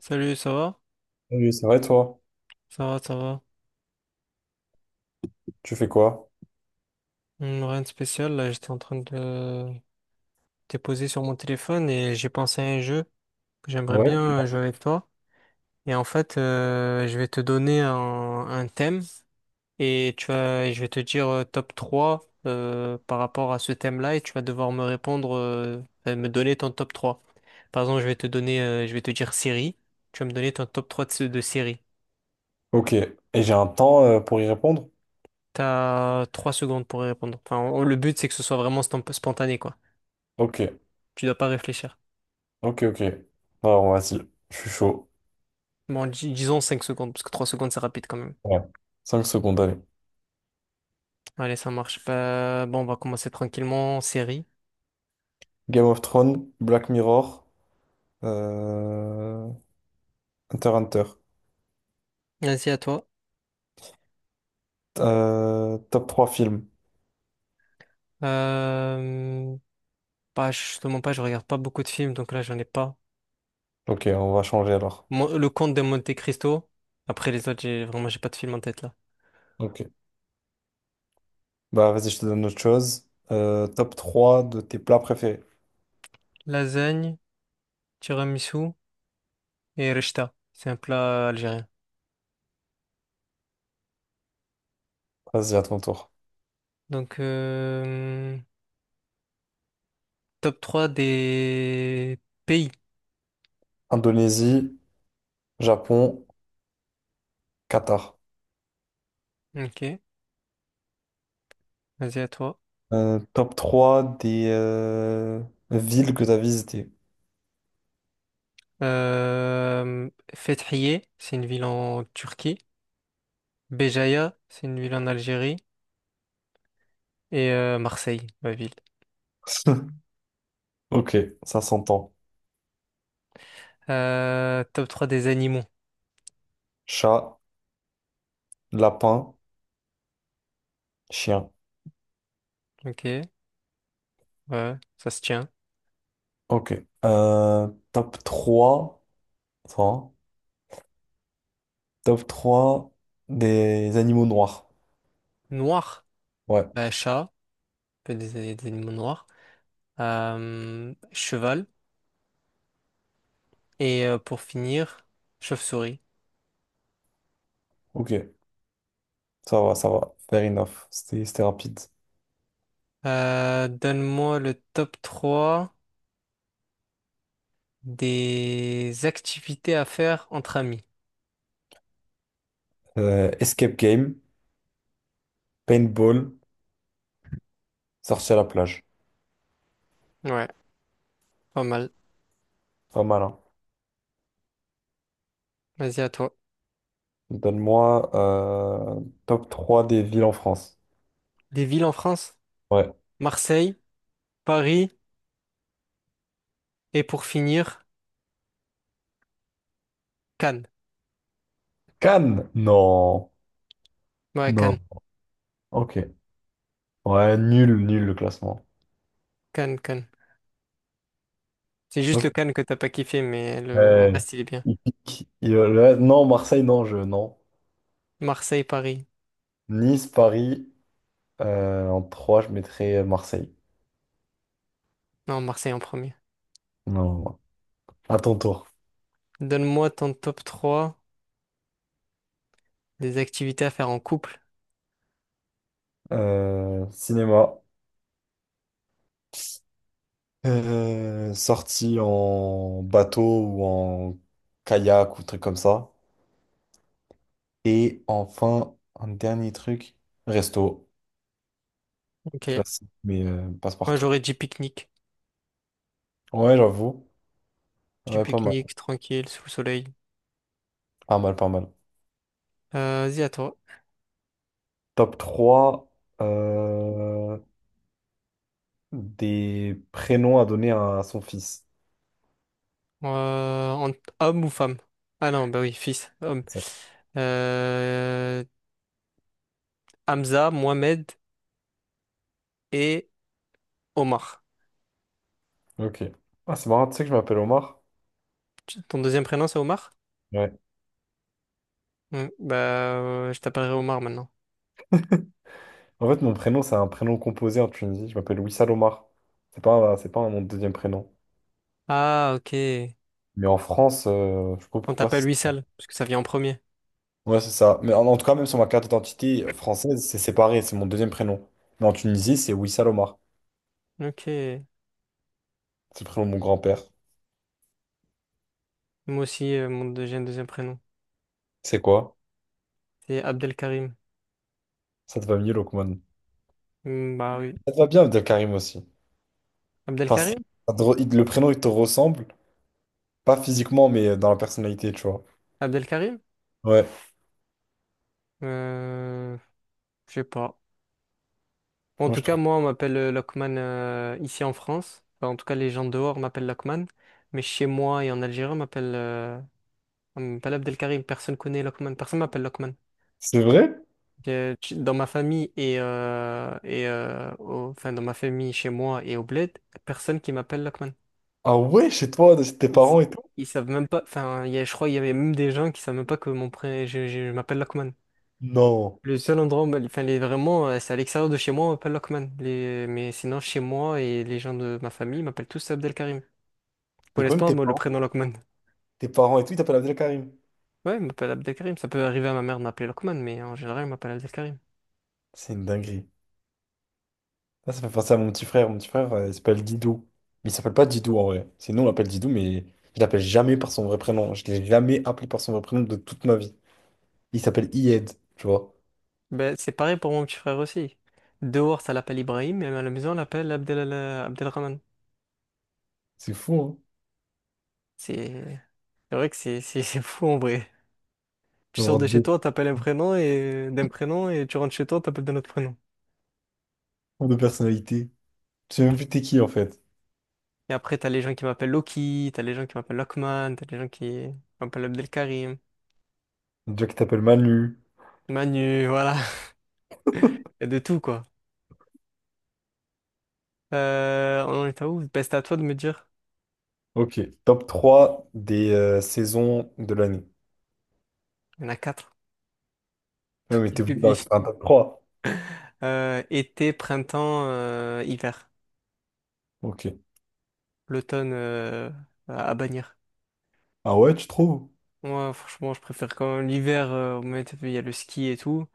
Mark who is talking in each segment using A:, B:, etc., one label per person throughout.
A: Salut, ça va?
B: Oui, c'est vrai, toi.
A: Ça va, ça va.
B: Tu fais quoi?
A: Rien de spécial, là, j'étais en train de déposer sur mon téléphone et j'ai pensé à un jeu que j'aimerais
B: Ouais.
A: bien jouer avec toi. Et en fait, je vais te donner un thème et tu vas, je vais te dire top 3 par rapport à ce thème-là et tu vas devoir me répondre, enfin, me donner ton top 3. Par exemple, je vais te donner, je vais te dire série, tu vas me donner ton top 3 de série.
B: Ok. Et j'ai un temps pour y répondre?
A: T'as 3 secondes pour y répondre. Enfin, le but, c'est que ce soit vraiment spontané, quoi.
B: Ok.
A: Tu dois pas réfléchir.
B: Ok, ok. Bon, alors, vas-y. Je suis chaud.
A: Bon, disons 5 secondes, parce que 3 secondes, c'est rapide quand même.
B: Ouais. 5 secondes, allez.
A: Allez, ça marche. Pas bon, on va commencer tranquillement. Série.
B: Game of Thrones, Black Mirror, euh... Hunter x Hunter.
A: Vas-y, à toi.
B: Top 3 films.
A: Euh... Bah, justement pas, je regarde pas beaucoup de films, donc là, j'en ai pas.
B: Ok, on va changer alors.
A: Le Comte de Monte Cristo. Après les autres, j'ai vraiment, j'ai pas de film en tête là.
B: Ok. Bah, vas-y, je te donne autre chose. Top 3 de tes plats préférés.
A: Lasagne, tiramisu et rechta. C'est un plat algérien.
B: Vas-y, à ton tour.
A: Donc, top 3 des pays.
B: Indonésie, Japon, Qatar.
A: Ok, vas-y, à toi.
B: Top 3 des villes que tu as visitées.
A: Euh, Fethiye, c'est une ville en Turquie. Béjaïa, c'est une ville en Algérie. Et Marseille, ma ville.
B: Ok, ça s'entend.
A: Top 3 des animaux.
B: Chat, lapin, chien.
A: Ok, ouais, ça se tient.
B: Ok. Top 3. Attends. Top trois des animaux noirs.
A: Noir,
B: Ouais,
A: bah, chat, un peu des animaux noirs. Cheval. Et pour finir, chauve-souris.
B: ok. Ça va, ça va. Fair enough. C'était rapide.
A: Donne-moi le top 3 des activités à faire entre amis.
B: Escape game, paintball, sortie à la plage.
A: Ouais, pas mal.
B: Pas mal, hein.
A: Vas-y à toi.
B: Donne-moi top 3 des villes en France.
A: Des villes en France?
B: Ouais.
A: Marseille. Paris et pour finir, Cannes.
B: Cannes? Non.
A: Ouais,
B: Non.
A: Cannes,
B: Ok. Ouais, nul, nul le classement.
A: Cannes, Cannes. C'est juste
B: Donc,
A: le Cannes que t'as pas kiffé, mais le
B: euh,
A: reste, il est bien.
B: il pique. Non, Marseille, non, je, non.
A: Marseille, Paris.
B: Nice, Paris, en 3 je mettrais Marseille.
A: Non, Marseille en premier.
B: Non, à ton tour.
A: Donne-moi ton top trois des activités à faire en couple.
B: Cinéma. Sortie en bateau ou en kayak ou truc comme ça. Et enfin, un dernier truc, resto.
A: Ok.
B: Classique, mais
A: Moi,
B: passe-partout.
A: j'aurais dit pique-nique.
B: Ouais, j'avoue.
A: Petit
B: Ouais, pas mal.
A: pique-nique, tranquille, sous le soleil.
B: Pas mal, pas mal.
A: Vas-y, à toi.
B: Top 3 euh, des prénoms à donner à son fils.
A: Euh, en- homme ou femme? Ah non, bah oui, fils, homme.
B: C'est
A: Euh, Hamza, Mohamed et Omar.
B: ça. Ok. Ah, c'est marrant, tu sais que je m'appelle Omar?
A: Ton deuxième prénom, c'est Omar?
B: Ouais.
A: Hmm, bah, je t'appellerai Omar maintenant.
B: En fait, mon prénom, c'est un prénom composé en Tunisie. Je m'appelle Wissal Omar. C'est pas mon deuxième prénom.
A: Ah, ok.
B: Mais en France, je sais pas
A: On
B: pourquoi.
A: t'appelle Wissal, parce que ça vient en premier.
B: Ouais, c'est ça. Mais en tout cas, même sur ma carte d'identité française, c'est séparé. C'est mon deuxième prénom. Mais en Tunisie, c'est Wissal Omar.
A: Ok.
B: C'est le prénom de mon grand-père.
A: Moi aussi, mon deuxième prénom.
B: C'est quoi?
A: C'est Abdelkarim.
B: Ça te va mieux, Lokman.
A: Hmm, bah oui.
B: Ça te va bien, Abdelkarim aussi. Enfin, c'est-
A: Abdelkarim?
B: ça te re- il- le prénom, il te ressemble. Pas physiquement, mais dans la personnalité, tu vois.
A: Abdelkarim?
B: Ouais.
A: Euh, je sais pas. Bon, en
B: Moi,
A: tout
B: je
A: cas,
B: trouve.
A: moi, on m'appelle Lokman ici en France. Enfin, en tout cas, les gens dehors m'appellent Lokman. Mais chez moi et en Algérie, on m'appelle Abdelkarim. Personne connaît Lokman. Personne m'appelle Lokman.
B: C'est vrai?
A: Dans ma famille enfin, dans ma famille, chez moi et au bled, personne qui m'appelle Lokman.
B: Ah ouais, chez toi, tes
A: Ils, s-
B: parents et tout?
A: ils savent même pas. Enfin, je crois qu'il y avait même des gens qui savent même pas que mon je m'appelle Lokman.
B: Non.
A: Le seul endroit, enfin, les, vraiment, c'est à l'extérieur de chez moi, on m'appelle Lokman. Mais sinon, chez moi et les gens de ma famille m'appellent tous Abdelkarim. Ils
B: Donc
A: connaissent
B: même
A: pas, moi, le prénom Lokman.
B: tes parents et tout, ils t'appellent Abdelkarim.
A: Ouais, ils m'appellent Abdelkarim. Ça peut arriver à ma mère de m'appeler Lokman, mais en général, ils m'appellent Abdelkarim.
B: C'est une dinguerie. Ça fait penser à mon petit frère. Mon petit frère, il s'appelle Didou. Mais il s'appelle pas Didou en vrai. C'est nous, on l'appelle Didou, mais je l'appelle jamais par son vrai prénom. Je l'ai jamais appelé par son vrai prénom de toute ma vie. Il s'appelle Iyed, tu vois.
A: Ben, c'est pareil pour mon petit frère aussi. Dehors, ça l'appelle Ibrahim, mais à la maison, on l'appelle Abdel, Abdelrahman.
B: C'est fou, hein?
A: C'est c'est vrai que c'est c'est fou en vrai. Tu sors
B: D'avoir
A: de chez
B: deux
A: toi, t'appelles un prénom et d'un prénom, et tu rentres chez toi, t'appelles d'un autre prénom.
B: tours de personnalité. Tu sais même plus t'es qui, en fait.
A: Et après, t'as les gens qui m'appellent Loki, t'as les gens qui m'appellent Lockman, t'as les gens qui m'appellent Abdelkarim,
B: Un gars qui t'appelle Manu.
A: Manu, voilà. Il y a de tout, quoi. On en est à où? Ben, c'est à toi de me dire.
B: Ok. Top 3 des saisons de l'année.
A: Il y en a quatre.
B: Ouais, mais
A: Il
B: t'es obligé d'en
A: suffit.
B: faire un top trois.
A: Été, printemps, hiver.
B: Ok.
A: L'automne, à bannir.
B: Ah ouais, tu trouves?
A: Moi, franchement, je préfère quand même l'hiver, au moins, t'as vu, il y a le ski et tout.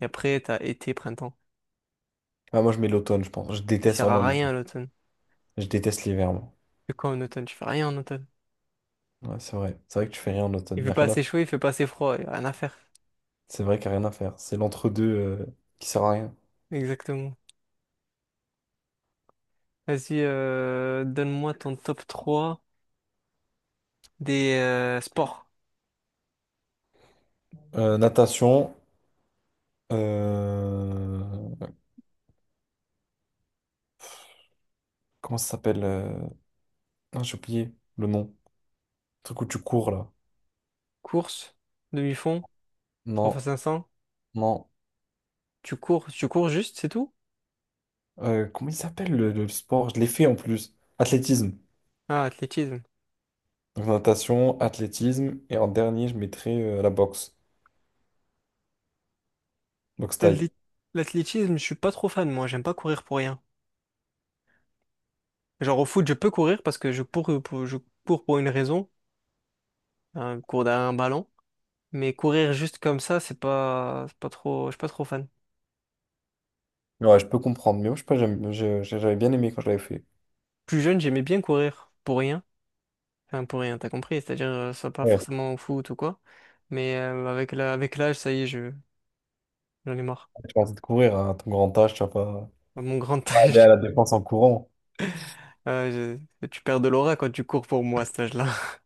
A: Et après, t'as été, printemps.
B: Ah, moi, je mets l'automne, je pense. Je
A: Il
B: déteste
A: sert
B: vraiment
A: à
B: l'hiver.
A: rien, l'automne.
B: Je déteste l'hiver, moi.
A: C'est quoi en automne? Tu fais rien en automne.
B: Ouais, c'est vrai. C'est vrai que tu fais rien en
A: Il
B: automne. Y
A: fait
B: a
A: pas
B: rien
A: assez
B: à...
A: chaud, il fait pas assez froid. Il y a rien à faire.
B: C'est vrai qu'il n'y a rien à faire. C'est l'entre-deux qui sert à rien.
A: Exactement. Vas-y, donne-moi ton top 3 des sports.
B: Natation. euh, Comment ça s'appelle? Ah, j'ai oublié le nom. Le truc où tu cours, là.
A: Course, demi-fond, 3
B: Non,
A: x 500.
B: non.
A: Tu cours juste, c'est tout?
B: Comment il s'appelle le sport? Je l'ai fait en plus. Athlétisme.
A: Ah, athlétisme.
B: Donc, natation, athlétisme. Et en dernier, je mettrais la boxe. Boxe thaï.
A: L'athléti- L'athlétisme, je suis pas trop fan, moi, j'aime pas courir pour rien. Genre au foot, je peux courir parce que je cours pour une raison, hein, je cours derrière un ballon. Mais courir juste comme ça, c'est pas trop, je suis pas trop fan.
B: Ouais, je peux comprendre, mais moi, je sais pas, j'avais bien aimé quand je l'avais fait.
A: Plus jeune, j'aimais bien courir pour rien. Enfin, pour rien, t'as compris, c'est-à-dire, soit pas
B: Ouais,
A: forcément au foot ou quoi. Mais avec la, avec l'âge, ça y est, je j'en ai marre.
B: tu vas te courir à ton grand âge, tu vas pas
A: À mon grand
B: aller à
A: âge,
B: la défense en courant.
A: tu perds de l'aura quand tu cours pour moi à cet âge-là.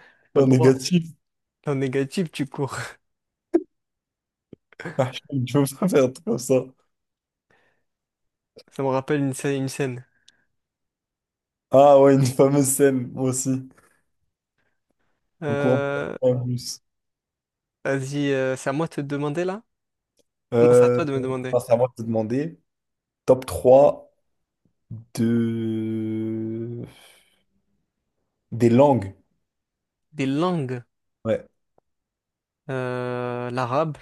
A: T'as pas
B: En
A: le droit.
B: négatif.
A: T'es en négatif, tu cours.
B: Ah, tu veux pas faire un truc comme ça.
A: Ça me rappelle une scène. Une scène.
B: Ah ouais, une fameuse scène, moi aussi. En courant
A: Euh,
B: ouais, en plus.
A: vas-y, c'est à moi de te demander là? Non, c'est à
B: Euh,
A: toi de me demander.
B: alors, c'est à moi de te demander. Top trois de... des langues.
A: Des langues.
B: Ouais,
A: L'arabe,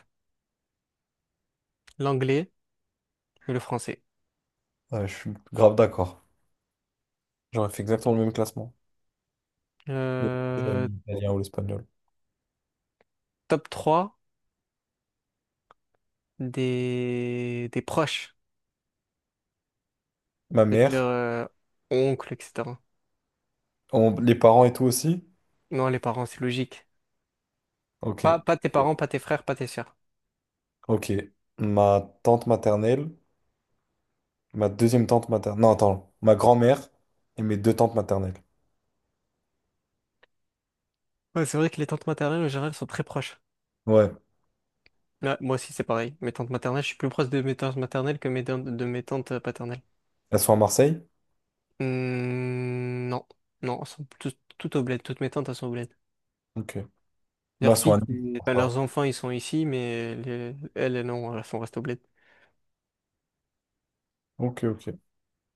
A: l'anglais et le français.
B: ouais, je suis grave d'accord. J'aurais fait exactement le même classement. J'aurais
A: Euh,
B: mis l'italien ou l'espagnol.
A: top 3 des proches.
B: Ma
A: C'est-à-dire
B: mère,
A: oncle, etc.
B: les parents et tout aussi.
A: Non, les parents, c'est logique. Pas,
B: Ok.
A: pas tes parents, pas tes frères, pas tes sœurs.
B: Ok. Ma tante maternelle, ma deuxième tante maternelle. Non, attends. Ma grand-mère et mes deux tantes maternelles.
A: Ouais, c'est vrai que les tantes maternelles, en général, sont très proches.
B: Ouais.
A: Ouais, moi aussi, c'est pareil. Mes tantes maternelles, je suis plus proche de mes tantes maternelles que de mes tantes paternelles.
B: Elles sont à Marseille?
A: Hmm, non, non, elles sont toutes, toutes au bled. Toutes mes tantes, elles sont au bled.
B: Ok. Moi,
A: Leurs
B: elles sont à
A: filles,
B: Nice. C'est pour
A: enfin,
B: ça.
A: leurs enfants, ils sont ici, mais elles, elles, non, elles sont restées au bled.
B: Ok, ok.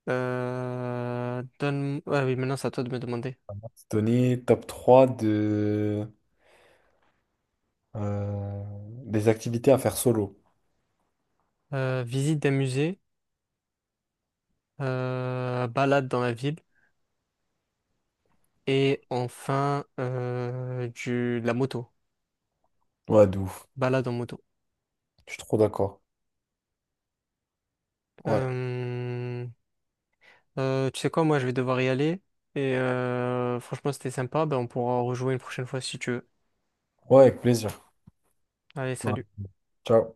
A: Ah oui, maintenant, c'est à toi de me demander.
B: On va se donner top 3 de... euh, des activités à faire solo.
A: Visite d'un musée, balade dans la ville, et enfin, de la moto.
B: Ouais, de ouf.
A: Balade en moto.
B: Je suis trop d'accord. Ouais.
A: Euh, tu sais quoi, moi je vais devoir y aller. Et franchement, c'était sympa. Ben, on pourra rejouer une prochaine fois si tu veux.
B: Ouais, avec plaisir.
A: Allez,
B: Ouais.
A: salut.
B: Ciao.